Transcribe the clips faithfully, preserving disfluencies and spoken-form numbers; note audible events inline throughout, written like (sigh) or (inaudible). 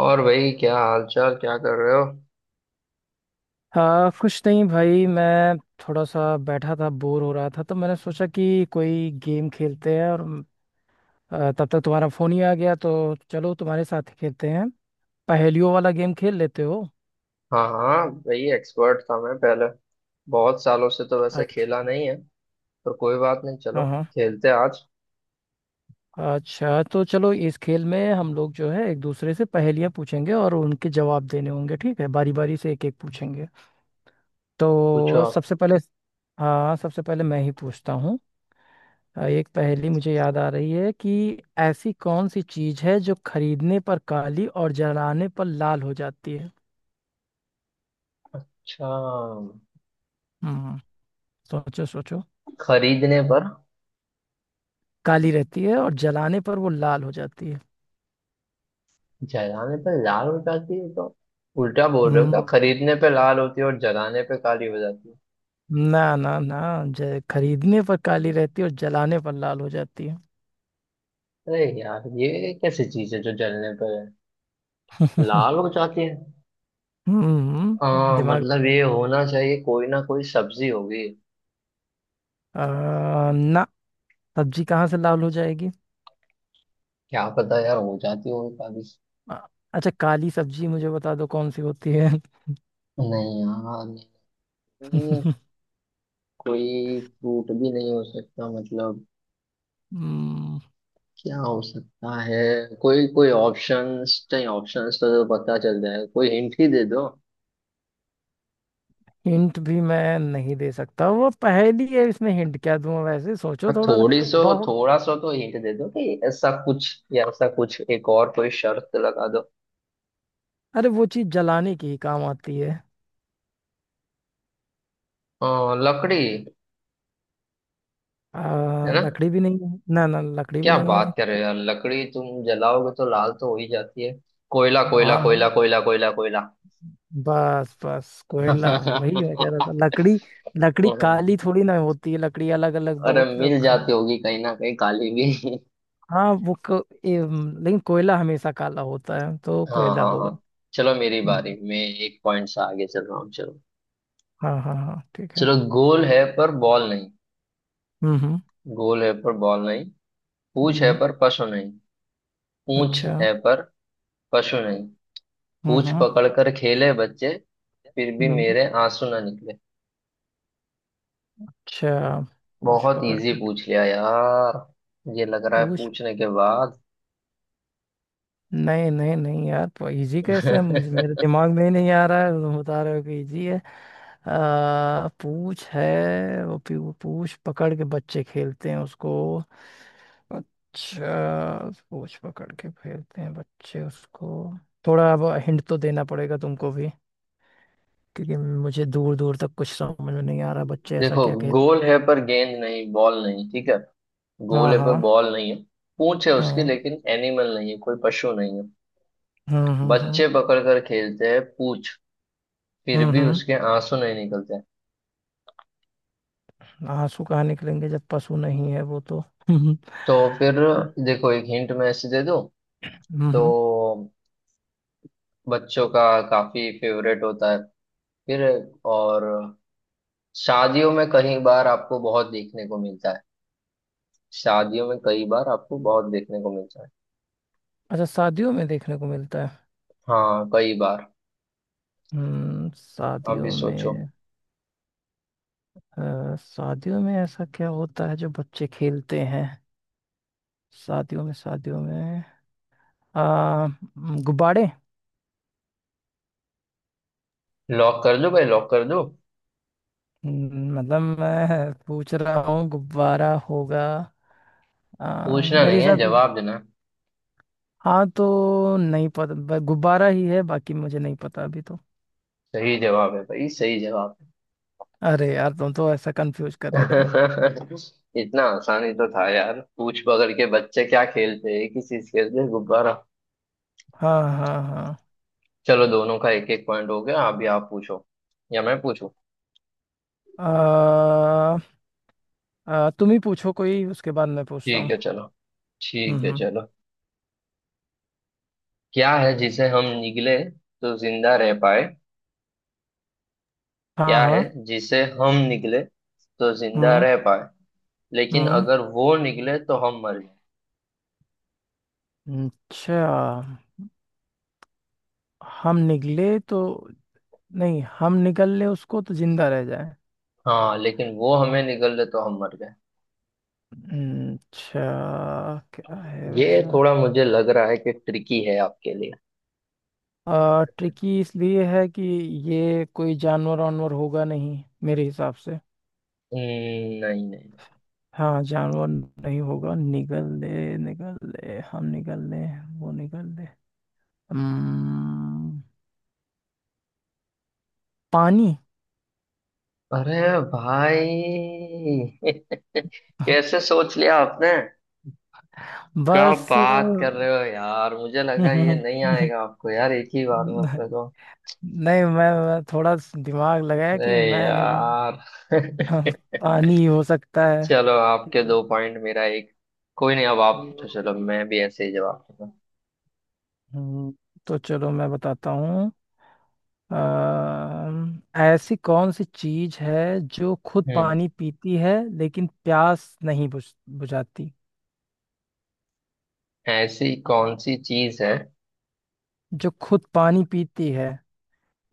और भाई क्या हाल चाल, क्या कर रहे हो? हाँ कुछ नहीं भाई, मैं थोड़ा सा बैठा था, बोर हो रहा था तो मैंने सोचा कि कोई गेम खेलते हैं। और अ, तब तक तुम्हारा फोन ही आ गया तो चलो तुम्हारे साथ ही खेलते हैं। पहेलियों वाला गेम खेल लेते हो? हाँ हाँ भाई, एक्सपर्ट था मैं पहले। बहुत सालों से तो वैसे खेला अच्छा। नहीं है। पर कोई बात नहीं, चलो हाँ हाँ। खेलते हैं आज। अच्छा तो चलो, इस खेल में हम लोग जो है एक दूसरे से पहेलियां पूछेंगे और उनके जवाब देने होंगे, ठीक है? बारी बारी से एक एक पूछेंगे। पूछो तो आप। सबसे पहले, हाँ सबसे पहले मैं ही पूछता हूँ। अ, एक पहेली मुझे याद आ रही है कि ऐसी कौन सी चीज है जो खरीदने पर काली और जलाने पर लाल हो जाती है। अच्छा, हम्म। सोचो सोचो। खरीदने पर काली रहती है और जलाने पर वो लाल हो जाती है। जलाने पर लाल हो जाती है तो उल्टा बोल रहे हो क्या? हम्म। खरीदने पे लाल होती है और जलाने पे काली हो जाती ना ना ना, ज- खरीदने पर काली है? रहती है और जलाने पर लाल हो जाती है। अरे यार, ये कैसी चीज है जो जलने पर है लाल हो (laughs) जाती है। हम्म। हाँ दिमाग। मतलब ये होना चाहिए, कोई ना कोई सब्जी होगी। अ, ना, सब्जी कहाँ से लाल हो जाएगी। क्या पता यार, हो जाती होगी काली। अ, अच्छा, काली सब्जी मुझे बता दो कौन सी होती है। नहीं यार, नहीं। (laughs) कोई फ्रूट भी नहीं हो सकता मतलब। हम्म। क्या हो सकता है? कोई कोई ऑप्शंस नहीं, ऑप्शंस तो, तो पता चल जाए, कोई हिंट ही दे दो। हिंट भी मैं नहीं दे सकता, वो पहेली है, इसमें हिंट क्या दूं? वैसे सोचो हाँ, थोड़ा सा थोड़ी सो, बहुत। थोड़ा सो तो हिंट दे दो कि ऐसा कुछ या ऐसा कुछ, एक और कोई शर्त लगा दो। अरे वो चीज जलाने की ही काम आती है। अ, लकड़ी। है आ, ना? लकड़ी भी नहीं है, ना ना, लकड़ी भी क्या नहीं बात है। कर रहे हो यार, लकड़ी तुम जलाओगे तो लाल तो हो ही जाती है। कोयला कोयला हाँ कोयला कोयला कोयला कोयला। बस बस, कोयला, वही मैं कह रहा था। लकड़ी, लकड़ी काली (laughs) थोड़ी ना होती है, लकड़ी अलग अलग अरे बहुत। मिल जाती होगी कहीं ना कहीं काली भी। (laughs) हाँ वो क, एम, लेकिन कोयला हमेशा काला होता है तो हाँ कोयला हाँ हाँ, होगा। चलो मेरी बारी। हम्म। मैं एक पॉइंट से आगे चल रहा हूँ, चलो। हाँ हाँ हाँ ठीक है। चलो, गोल है पर बॉल नहीं। हम्म हम्म गोल है पर बॉल नहीं। पूंछ है हम्म, पर पशु नहीं। पूंछ अच्छा। है पर पशु नहीं। हम्म पूंछ हम्म पकड़ कर खेले बच्चे, फिर भी हम्म। मेरे आंसू ना निकले। अच्छा, पूछ बहुत पकड़ इजी कर, पूछ लिया यार, ये लग रहा है पूछ, पूछने के बाद। नहीं नहीं नहीं यार, तो इजी कैसे है? मुझे मेरे (laughs) दिमाग में ही नहीं आ रहा है, तुम बता रहे हो कि इजी है। आ, पूछ है वो पी- वो पूछ पकड़ के बच्चे खेलते हैं उसको। अच्छा, पूछ पकड़ के खेलते हैं बच्चे उसको। थोड़ा अब हिंट तो देना पड़ेगा तुमको भी, क्योंकि मुझे दूर दूर तक कुछ समझ में नहीं आ रहा बच्चे ऐसा देखो, क्या खेलते गोल हैं। है पर गेंद नहीं, बॉल नहीं, ठीक है। गोल हाँ है पर हाँ बॉल नहीं है। पूंछ है उसकी हाँ। लेकिन एनिमल नहीं है, कोई पशु नहीं है। हम्म हम्म हम्म बच्चे पकड़ कर खेलते हैं पूंछ, फिर हम्म भी हम्म। उसके आंसू नहीं निकलते हैं। आंसू कहाँ निकलेंगे जब पशु नहीं है वो तो। हम्म। तो फिर हाँ, देखो, एक हिंट मैं ऐसे दे दूं हम्म हम्म। तो बच्चों का काफी फेवरेट होता है, फिर और शादियों में कई बार आपको बहुत देखने को मिलता है। शादियों में कई बार आपको बहुत देखने को मिलता है। अच्छा, शादियों में देखने को मिलता है। हाँ कई बार। हम्म, अभी शादियों सोचो। में। अ, शादियों में ऐसा क्या होता है जो बच्चे खेलते हैं? शादियों में, शादियों में, आ, गुब्बारे? लॉक कर दो भाई, लॉक कर दो। हम्म, मतलब मैं पूछ रहा हूँ गुब्बारा होगा, आ, पूछना मेरे नहीं है, हिसाब से। जवाब देना। हाँ तो नहीं पता, ब- गुब्बारा ही है, बाकी मुझे नहीं पता अभी तो। सही जवाब है भाई, सही जवाब है। अरे यार, तुम तो ऐसा कंफ्यूज कर रहे थे। (laughs) इतना आसानी तो था यार, पूछ पकड़ के बच्चे क्या खेलते हैं, किस चीज खेलते हैं, गुब्बारा। हाँ हाँ हाँ। चलो दोनों का एक एक पॉइंट हो गया, अभी आप पूछो या मैं पूछूं। आ, आ, तुम ही पूछो कोई, उसके बाद मैं पूछता ठीक हूँ। है चलो। ठीक हम्म है हम्म, चलो। क्या है जिसे हम निगले तो जिंदा रह पाए। हाँ क्या है हाँ। जिसे हम निगले तो जिंदा हम्म रह पाए, लेकिन हम्म। अगर वो निगले तो हम मर गए। अच्छा, हम निकले तो, नहीं, हम निकल ले उसको तो जिंदा रह जाए। हाँ लेकिन वो हमें निगल ले तो हम मर गए। हम्म, अच्छा, क्या है ये वैसा? थोड़ा मुझे लग रहा है कि ट्रिकी है आपके लिए। आ, ट्रिकी इसलिए है कि ये कोई जानवर वानवर होगा नहीं, मेरे हिसाब से। हम्म, नहीं नहीं नहीं। हाँ जानवर नहीं होगा, निकल ले निकल ले, हम निकल ले, वो निकल ले। हम्म, पानी। अरे भाई, (laughs) (laughs) कैसे सोच लिया आपने? क्या बस। बात कर रहे हो यार, मुझे लगा ये नहीं नहीं, आएगा आपको यार एक ही बार में अपने को। मैं, मैं थोड़ा स- दिमाग लगाया कि अरे मैं नहीं बना। यार। (laughs) पानी हो सकता है। चलो आपके हम्म, दो पॉइंट, मेरा एक। कोई नहीं, अब आप पूछो, चलो मैं भी ऐसे ही जवाब दूंगा। हम्म, तो चलो मैं बताता हूँ। अम, ऐसी कौन सी चीज है जो खुद हम्म। पानी पीती है लेकिन प्यास नहीं बुझ बुझाती, ऐसी कौन सी चीज है, जो खुद पानी पीती है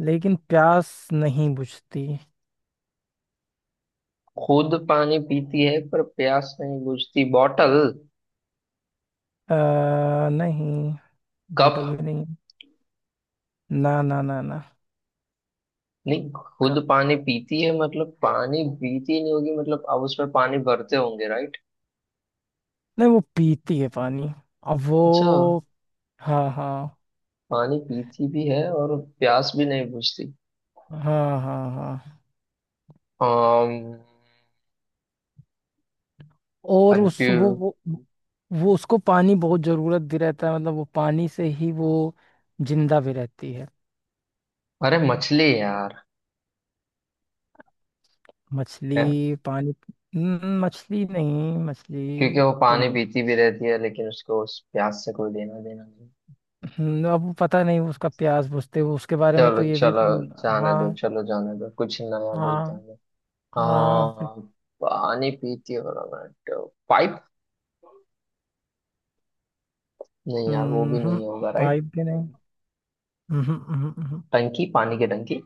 लेकिन प्यास नहीं बुझती। खुद पानी पीती है पर प्यास नहीं बुझती? बॉटल? आ, नहीं, बॉटल कप? भी नहीं। ना ना ना ना, नहीं, खुद पानी पीती है मतलब पानी पीती नहीं होगी, मतलब आप उसमें पानी भरते होंगे, राइट? नहीं वो पीती है पानी। अब वो, अच्छा, हाँ हाँ पानी पीती भी है और प्यास भी नहीं बुझती, हाँ हाँ हाँ। कंफ्यूज। और उस वो वो वो उसको पानी बहुत जरूरत भी रहता है, मतलब वो पानी से ही वो जिंदा भी रहती है। अरे मछली है यार, है। मछली पानी। हम्म, मछली नहीं, मछली क्योंकि वो तो पानी नहीं। पीती भी रहती है, लेकिन उसको उस प्यास से कोई देना देना नहीं। हम्म, अब पता नहीं, उसका प्यास बुझते हुए उसके बारे में चलो तो ये भी। चलो, जाने दो, हाँ चलो जाने दो, कुछ नया बोलता हाँ हूँ मैं। हाँ। अम, पानी पीती हो रहा पाइप। नहीं यार, वो भी हम्म। नहीं होगा, राइट। पाइप भी नहीं। हम्म हम्म हम्म हम्म। टंकी, पानी की टंकी।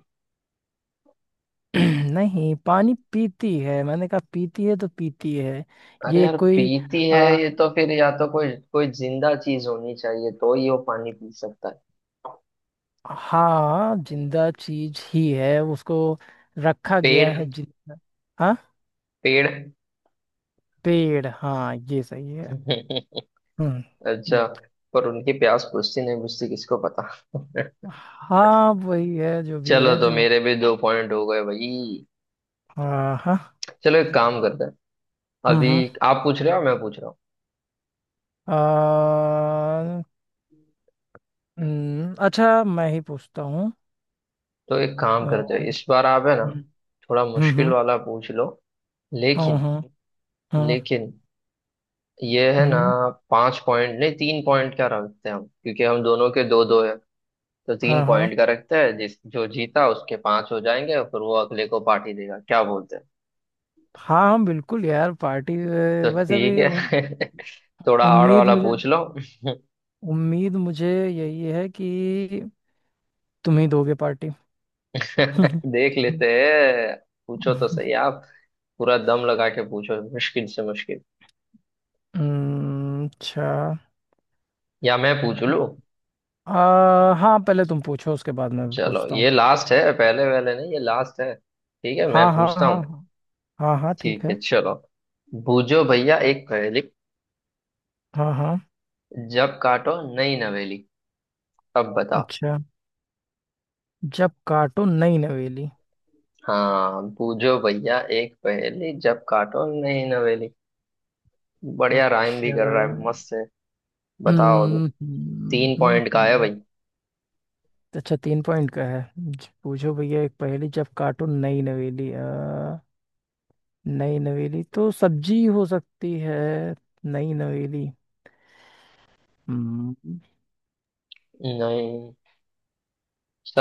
(clears throat) नहीं पानी पीती है, मैंने कहा पीती है तो पीती है। अरे ये यार कोई, पीती है, आ, ये तो फिर या तो कोई कोई जिंदा चीज होनी चाहिए तो ही वो पानी पी सकता है। हाँ जिंदा चीज ही है, उसको रखा गया पेड़। है जिंदा। हाँ, पेड़। पेड़, हाँ ये सही है। (laughs) हम्म। हम्म, अच्छा, पर उनकी प्यास बुझती नहीं बुझती किसको पता। (laughs) हाँ वही है, जो भी चलो है तो जो। मेरे भी दो पॉइंट हो गए भाई। आ, हाँ। चलो एक काम करते हैं। हम्म अभी हम्म। आप पूछ रहे हो, मैं पूछ रहा हूँ। आ, हम्म, अच्छा, मैं ही पूछता हूँ। तो एक काम आ, करते हैं, हम्म इस बार आप है ना थोड़ा हम्म मुश्किल हम्म वाला पूछ लो। हम्म लेकिन, हम्म लेकिन ये है ना, हम्म, पांच पॉइंट नहीं, तीन पॉइंट क्या रखते हैं हम, क्योंकि हम दोनों के दो दो है। तो हाँ तीन हाँ पॉइंट का रखते हैं, जिस जो जीता उसके पांच हो जाएंगे और फिर वो अगले को पार्टी देगा, क्या बोलते हैं। हाँ, हम बिल्कुल यार, पार्टी अ, तो बस ठीक अभी उम, है। (laughs) थोड़ा हार्ड उम्मीद वाला मुझे, पूछ लो। उम्मीद मुझे यही है कि तुम ही दोगे पार्टी। (laughs) (laughs) देख लेते हैं। पूछो तो सही आप, पूरा दम लगा के पूछो, मुश्किल से मुश्किल। हम्म, अच्छा। या मैं पूछ लूं। आ, हाँ पहले तुम पूछो, उसके बाद मैं चलो पूछता हूँ। ये लास्ट है, पहले वाले नहीं, ये लास्ट है, ठीक है मैं हाँ हाँ पूछता हाँ हूँ। हाँ। हाँ हाँ ठीक ठीक है। है चलो। बूझो भैया एक पहेली, हाँ हाँ। जब काटो नई नवेली। अब बताओ। अच्छा, जब काटो नई नवेली। हाँ, पूछो भैया एक पहेली, जब काटो नहीं नवेली। बढ़िया, राइम भी अच्छा। कर रहा है, मस्त है। बताओ अभी। हम्म हम्म तीन हम्म पॉइंट का है हम्म। भाई। अच्छा, तीन पॉइंट का है, ज- पूछो भैया एक पहेली, जब काटो नई नवेली। अ, नई नवेली तो सब्जी हो सकती है। नई नवेली। हम्म। नहीं,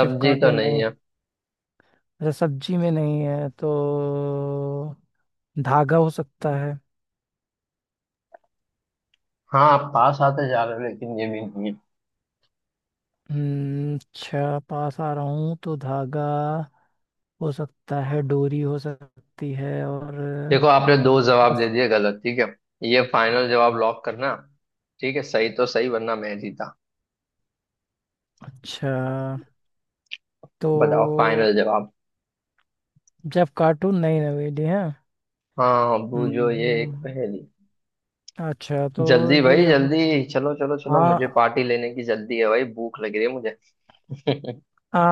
जब तो काटो नहीं नए, है। अच्छा सब्जी में नहीं है तो धागा हो सकता है। हाँ आप पास आते जा रहे हो, लेकिन ये भी नहीं है। हम्म, अच्छा पास आ रहा हूँ तो धागा हो सकता है, डोरी हो सकती है और देखो आपने दो जवाब दे रस- दिए गलत, ठीक है, ये फाइनल जवाब लॉक करना, ठीक है, सही तो सही, वरना मैं जीता। अच्छा, तो बताओ फाइनल जवाब। जब काटो नई नवेली है। हाँ बूझो ये एक हम्म, पहेली। अच्छा तो जल्दी भाई ये हो- जल्दी। चलो चलो चलो, मुझे हाँ। पार्टी लेने की जल्दी है भाई, भूख लग रही है मुझे। (laughs) आ,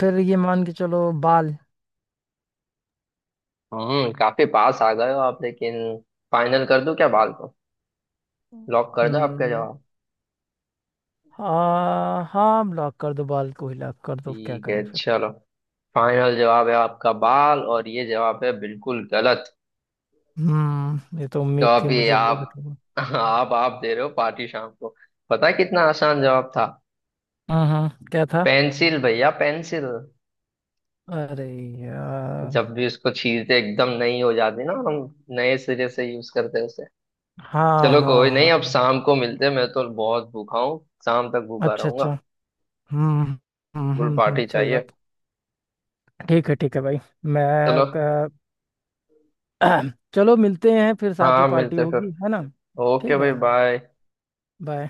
फिर ये मान के चलो, बाल। हम्म, काफी पास आ गए हो आप, लेकिन फाइनल कर दूं क्या, बाल को? लॉक कर दो आपका हम्म, जवाब। हाँ हाँ, लॉक कर दो, बाल को ही लॉक कर दो, क्या ठीक है करे फिर। चलो। फाइनल जवाब है आपका बाल, और ये जवाब है बिल्कुल गलत। हम्म, ये तो तो उम्मीद थी अभी मुझे गलत आप होगा। आप आप दे रहे हो पार्टी शाम को। पता है कितना आसान जवाब था? हम्म, क्या था? पेंसिल भैया, पेंसिल। अरे यार। जब भी उसको छीलते एकदम नई हो जाती, ना हम नए सिरे से यूज करते हैं उसे। हाँ चलो कोई हाँ नहीं, हाँ। अब शाम को मिलते हैं, मैं तो बहुत भूखा हूँ, शाम तक भूखा अच्छा अच्छा। रहूंगा। हम्म हम्म फुल हम्म हम्म, पार्टी सही चाहिए। बात। ठीक है, ठीक है भाई। चलो। मैं का- (clears throat) चलो मिलते हैं फिर, साथ हाँ में पार्टी मिलते हैं फिर। होगी है ना। ओके ठीक भाई, है। बाय। बाय।